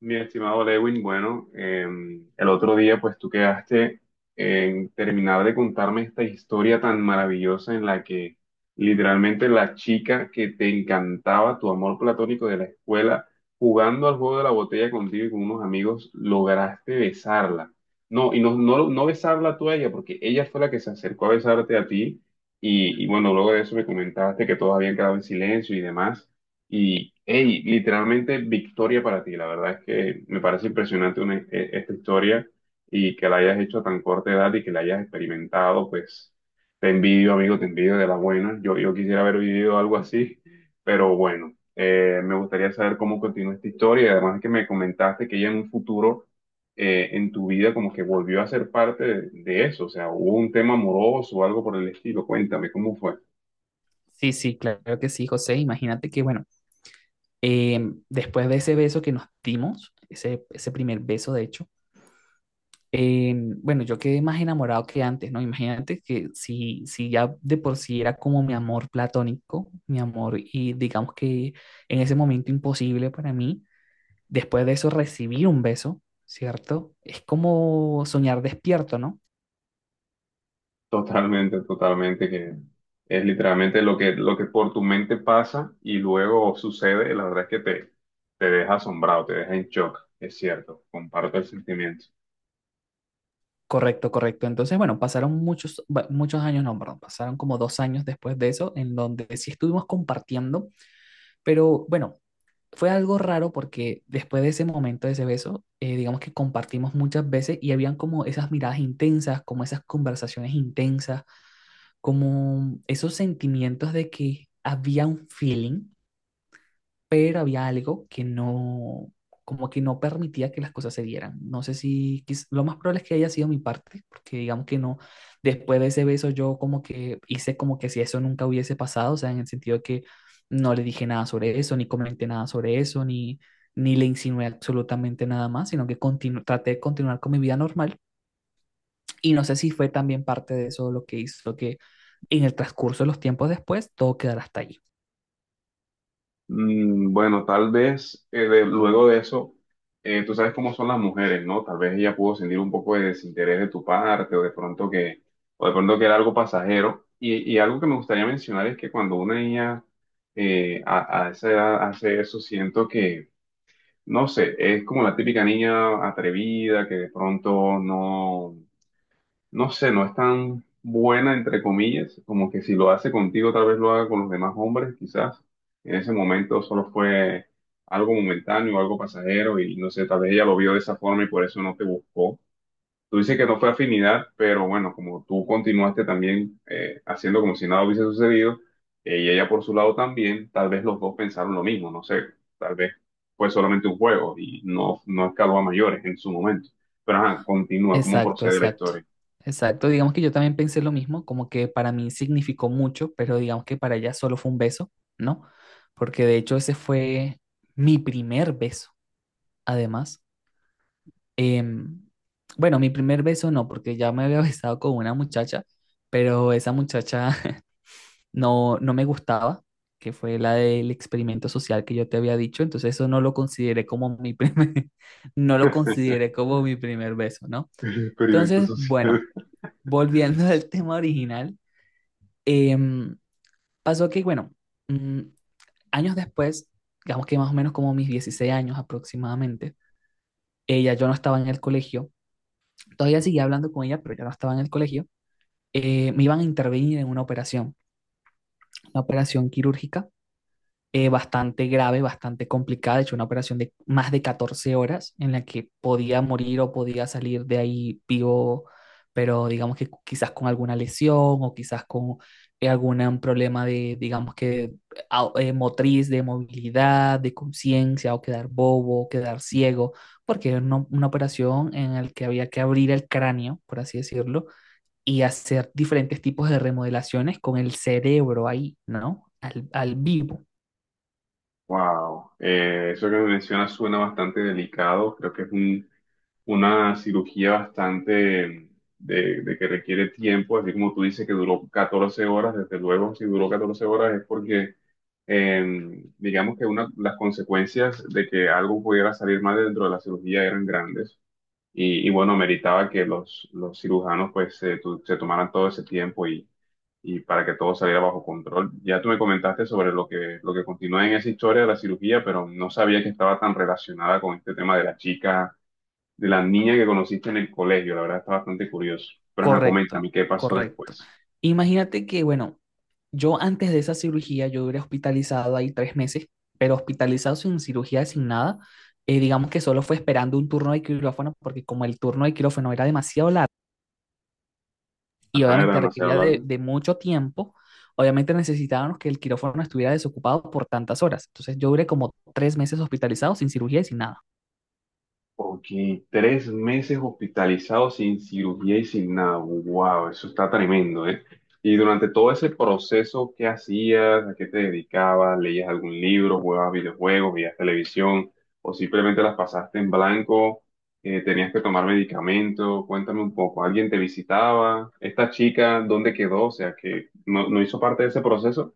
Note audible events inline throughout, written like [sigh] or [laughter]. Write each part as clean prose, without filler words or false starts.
Mi estimado Lewin, bueno, el otro día pues tú quedaste en terminar de contarme esta historia tan maravillosa en la que literalmente la chica que te encantaba, tu amor platónico de la escuela, jugando al juego de la botella contigo y con unos amigos, lograste besarla. No, y no, no, no besarla tú a ella, porque ella fue la que se acercó a besarte a ti y bueno, luego de eso me comentaste que todos habían quedado en silencio y demás. Y, hey, literalmente victoria para ti. La verdad es que me parece impresionante esta historia y que la hayas hecho a tan corta edad y que la hayas experimentado, pues te envidio, amigo, te envidio de la buena. Yo quisiera haber vivido algo así, pero bueno, me gustaría saber cómo continúa esta historia. Y además que me comentaste que ya en un futuro, en tu vida, como que volvió a ser parte de eso. O sea, hubo un tema amoroso o algo por el estilo. Cuéntame, ¿cómo fue? Sí, sí, claro que sí, José. Imagínate que, bueno, después de ese beso que nos dimos, ese primer beso, de hecho, bueno, yo quedé más enamorado que antes, ¿no? Imagínate que si ya de por sí era como mi amor platónico, mi amor, y digamos que en ese momento imposible para mí, después de eso recibir un beso, ¿cierto? Es como soñar despierto, ¿no? Totalmente, totalmente, que es literalmente lo que por tu mente pasa y luego sucede, la verdad es que te deja asombrado, te deja en shock, es cierto, comparto el sentimiento. Correcto, correcto. Entonces, bueno, muchos años, no, perdón, pasaron como dos años después de eso, en donde sí estuvimos compartiendo, pero bueno, fue algo raro porque después de ese momento, de ese beso, digamos que compartimos muchas veces y habían como esas miradas intensas, como esas conversaciones intensas, como esos sentimientos de que había un feeling, pero había algo que no, como que no permitía que las cosas se dieran. No sé si, quiz- Lo más probable es que haya sido mi parte, porque digamos que no, después de ese beso yo como que hice como que si eso nunca hubiese pasado, o sea, en el sentido de que no le dije nada sobre eso, ni comenté nada sobre eso, ni le insinué absolutamente nada más, sino que traté de continuar con mi vida normal. Y no sé si fue también parte de eso lo que hizo que en el transcurso de los tiempos después todo quedara hasta ahí. Bueno, tal vez luego de eso, tú sabes cómo son las mujeres, ¿no? Tal vez ella pudo sentir un poco de desinterés de tu parte o de pronto que, o de pronto que era algo pasajero. Y algo que me gustaría mencionar es que cuando una niña a esa edad hace eso, siento que. No sé, es como la típica niña atrevida que de pronto no, no sé, no es tan buena, entre comillas, como que si lo hace contigo, tal vez lo haga con los demás hombres, quizás. En ese momento solo fue algo momentáneo, algo pasajero y no sé, tal vez ella lo vio de esa forma y por eso no te buscó. Tú dices que no fue afinidad, pero bueno, como tú continuaste también haciendo como si nada hubiese sucedido, y ella por su lado también, tal vez los dos pensaron lo mismo, no sé, tal vez fue solamente un juego y no, no escaló a mayores en su momento. Pero ajá, continúa, ¿cómo Exacto, procede la exacto, historia? exacto. Digamos que yo también pensé lo mismo, como que para mí significó mucho, pero digamos que para ella solo fue un beso, ¿no? Porque de hecho ese fue mi primer beso, además. Em, bueno, mi primer beso no, porque ya me había [laughs] besado con una muchacha, pero esa muchacha [laughs] no, no me gustaba, que fue la del experimento social que yo te había dicho, entonces eso no lo consideré como mi primer, [laughs] no lo consideré como mi [laughs] primer beso, ¿no? El experimento Entonces, social. bueno, volviendo [laughs] al tema original, em, pasó que, bueno, mm, años después, digamos que más o menos como mis 16 años aproximadamente, ella, yo no estaba en el colegio, todavía seguía hablando con ella, pero ya no estaba en el colegio, me iban a intervenir en una operación quirúrgica, bastante grave, bastante complicada, de hecho una operación de más de 14 horas en la que podía morir o podía salir de ahí vivo, pero digamos que quizás con alguna lesión o quizás con algún problema de, digamos que motriz, de movilidad, de conciencia o quedar bobo, o quedar ciego, porque era una operación en la que había que abrir el cráneo, por así decirlo, y hacer diferentes tipos de remodelaciones con el cerebro ahí, ¿no? Al vivo. Wow, eso que me mencionas suena bastante delicado, creo que es un una cirugía bastante de que requiere tiempo, así como tú dices que duró 14 horas, desde luego si duró 14 horas es porque digamos que una, las consecuencias de que algo pudiera salir mal dentro de la cirugía eran grandes y bueno, meritaba que los cirujanos pues se tomaran todo ese tiempo y para que todo saliera bajo control. Ya tú me comentaste sobre lo que continúa en esa historia de la cirugía, pero no sabía que estaba tan relacionada con este tema de la chica de la niña que conociste en el colegio. La verdad está bastante curioso. Pero ajá, Correcto, coméntame qué pasó correcto. después. Imagínate que, bueno, yo antes de esa cirugía, yo duré hospitalizado ahí 3 meses, pero hospitalizado sin cirugía, sin nada. Digamos que solo fue esperando un turno de quirófano, porque como el turno de quirófano era demasiado largo y Ajá, era obviamente demasiado requería largo. de mucho tiempo, obviamente necesitábamos que el quirófano estuviera desocupado por tantas horas. Entonces yo duré como tres meses hospitalizado sin cirugía y sin nada. Ok, 3 meses hospitalizado sin cirugía y sin nada. Wow, eso está tremendo, ¿eh? Y durante todo ese proceso, ¿qué hacías? ¿A qué te dedicabas? ¿Leías algún libro? ¿Jugabas videojuegos? ¿Veías televisión? ¿O simplemente las pasaste en blanco? ¿Tenías que tomar medicamento? Cuéntame un poco. ¿Alguien te visitaba? ¿Esta chica dónde quedó? O sea, que no, no hizo parte de ese proceso.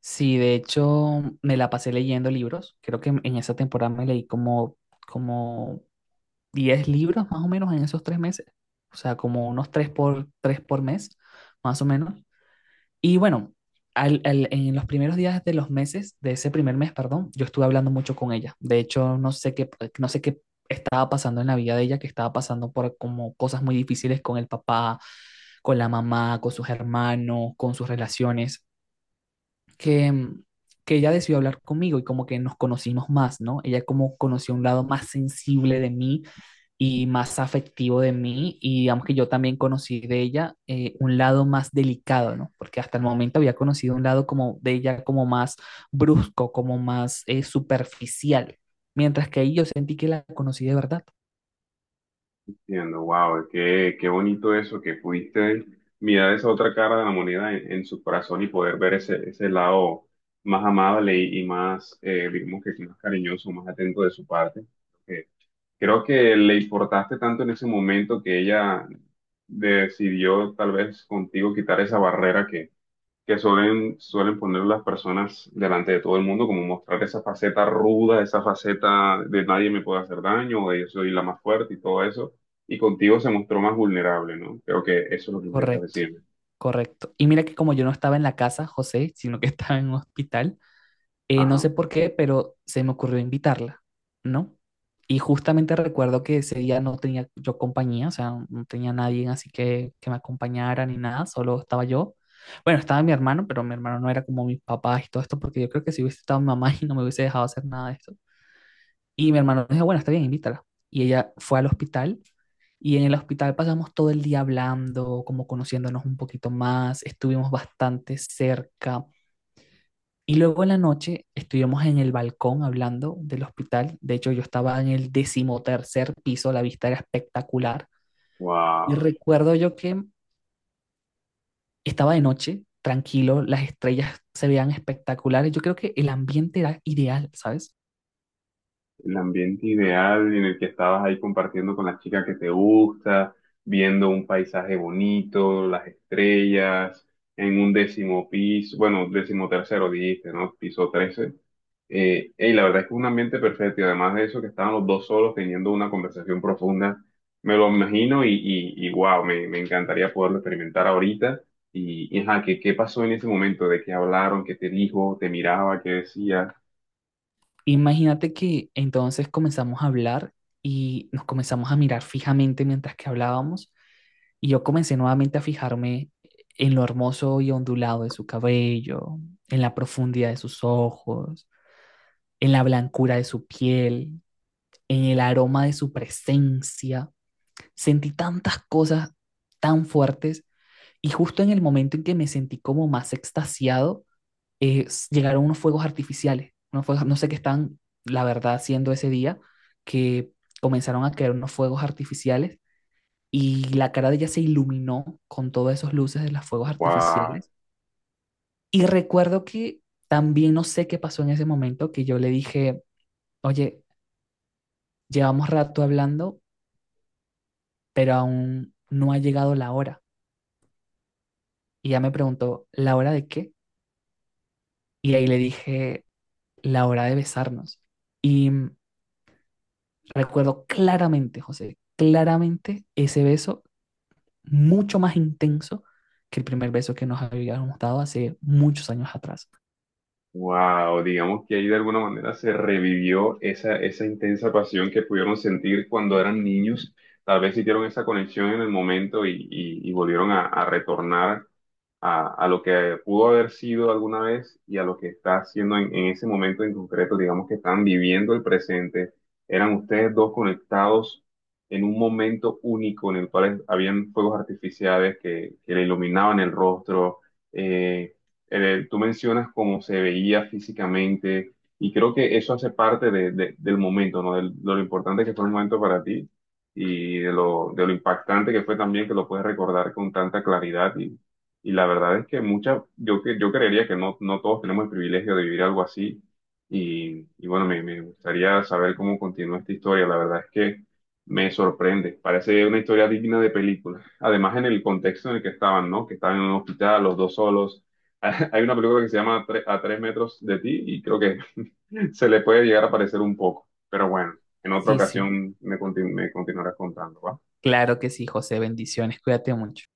Sí, de hecho, me la pasé leyendo libros. Creo que en esa temporada me leí como como 10 libros más o menos en esos 3 meses, o sea, como unos tres por mes, más o menos. Y bueno, en los primeros días de los meses, de ese primer mes, perdón, yo estuve hablando mucho con ella. De hecho, no sé qué estaba pasando en la vida de ella, que estaba pasando por como cosas muy difíciles con el papá, con la mamá, con sus hermanos, con sus relaciones que, mm, que ella decidió hablar conmigo y como que nos conocimos más, ¿no? Ella como conoció un lado más sensible de mí y más afectivo de mí y digamos que yo también conocí de ella, un lado más delicado, ¿no? Porque hasta el momento había conocido un lado como de ella como más brusco, como más, superficial, mientras que ahí yo sentí que la conocí de verdad. Entiendo, wow, qué bonito eso, que pudiste mirar esa otra cara de la moneda en su corazón y poder ver ese lado más amable y más, digamos que más cariñoso, más atento de su parte. Eh, Creo que le importaste tanto en ese momento que ella decidió tal vez contigo quitar esa barrera que suelen poner las personas delante de todo el mundo, como mostrar esa faceta ruda, esa faceta de nadie me puede hacer daño, o de yo soy la más fuerte y todo eso. Y contigo se mostró más vulnerable, ¿no? Creo que eso es lo que intentas Correcto, decirme. correcto. Y mira que como yo no estaba en la casa, José, sino que [laughs] estaba en un hospital, no Ajá. sé por qué, pero se me ocurrió invitarla, ¿no? Y justamente recuerdo que ese día no tenía yo compañía, o sea, no tenía nadie así que me acompañara ni nada, solo estaba yo. Bueno, estaba mi hermano, pero mi hermano no era como mis papás y todo esto, porque yo creo que si hubiese estado mi mamá [laughs] y no me hubiese dejado hacer nada de esto. Y mi hermano dijo, bueno, está bien, invítala. Y ella fue al hospital y en el hospital pasamos todo el día hablando, como conociéndonos un poquito más, estuvimos bastante cerca y luego en la noche estuvimos en el balcón hablando del hospital. De hecho, yo estaba en el 13.º piso, la vista era espectacular. Y Wow. recuerdo yo que estaba de noche, tranquilo, las estrellas se veían espectaculares. Yo creo que el ambiente era ideal, ¿sabes? El ambiente ideal en el que estabas ahí compartiendo con la chica que te gusta, viendo un paisaje bonito, las estrellas, en un décimo piso, bueno, décimo tercero dijiste, ¿no? Piso 13. Y la verdad es que es un ambiente perfecto y además de eso que estaban los dos solos teniendo una conversación profunda, me lo imagino y wow, me encantaría poderlo experimentar ahorita. Y ajá, ¿qué pasó en ese momento? ¿De qué hablaron? ¿Qué te dijo? ¿Te miraba? ¿Qué decía? Imagínate que entonces comenzamos a hablar y nos comenzamos a mirar fijamente mientras que hablábamos. Y yo comencé nuevamente a fijarme en lo hermoso y ondulado de su cabello, en la profundidad de sus ojos, en la blancura de su piel, en el aroma de su presencia. Sentí tantas cosas tan fuertes y justo en el momento en que me sentí como más extasiado, llegaron unos fuegos artificiales, unos fuegos, no sé qué están, la verdad, haciendo ese día, que comenzaron a caer unos fuegos artificiales y la cara de ella se iluminó con todas esas luces de los fuegos ¡Wow! artificiales. Y recuerdo que también no sé qué pasó en ese momento, que yo le dije, oye, llevamos rato hablando, pero aún no ha llegado la hora. Y ya me preguntó, ¿la hora de qué? Y ahí le dije, la hora de besarnos. Y mm, recuerdo claramente, José, claramente ese beso mucho más intenso que el primer beso que nos habíamos dado hace muchos años atrás. Wow, digamos que ahí de alguna manera se revivió esa, intensa pasión que pudieron sentir cuando eran niños. Tal vez hicieron esa conexión en el momento y volvieron a retornar a lo que pudo haber sido alguna vez y a lo que está haciendo en ese momento en concreto, digamos que están viviendo el presente, eran ustedes dos conectados en un momento único en el cual habían fuegos artificiales que le iluminaban el rostro, eh, tú mencionas cómo se veía físicamente y creo que eso hace parte del momento, ¿no? Del, de lo importante que fue el momento para ti y de lo impactante que fue también, que lo puedes recordar con tanta claridad y la verdad es que yo creería que no todos tenemos el privilegio de vivir algo así. Y bueno, me gustaría saber cómo continúa esta historia. La verdad es que me sorprende. Parece una historia digna de película. Además, en el contexto en el que estaban, ¿no? Que estaban en un hospital, los dos solos. [laughs] Hay una película que se llama A tres metros de ti y creo que [laughs] se le puede llegar a parecer un poco. Pero bueno, en otra Sí, sí, ocasión me continuarás contando, ¿va? claro que sí, José, bendiciones, cuídate mucho.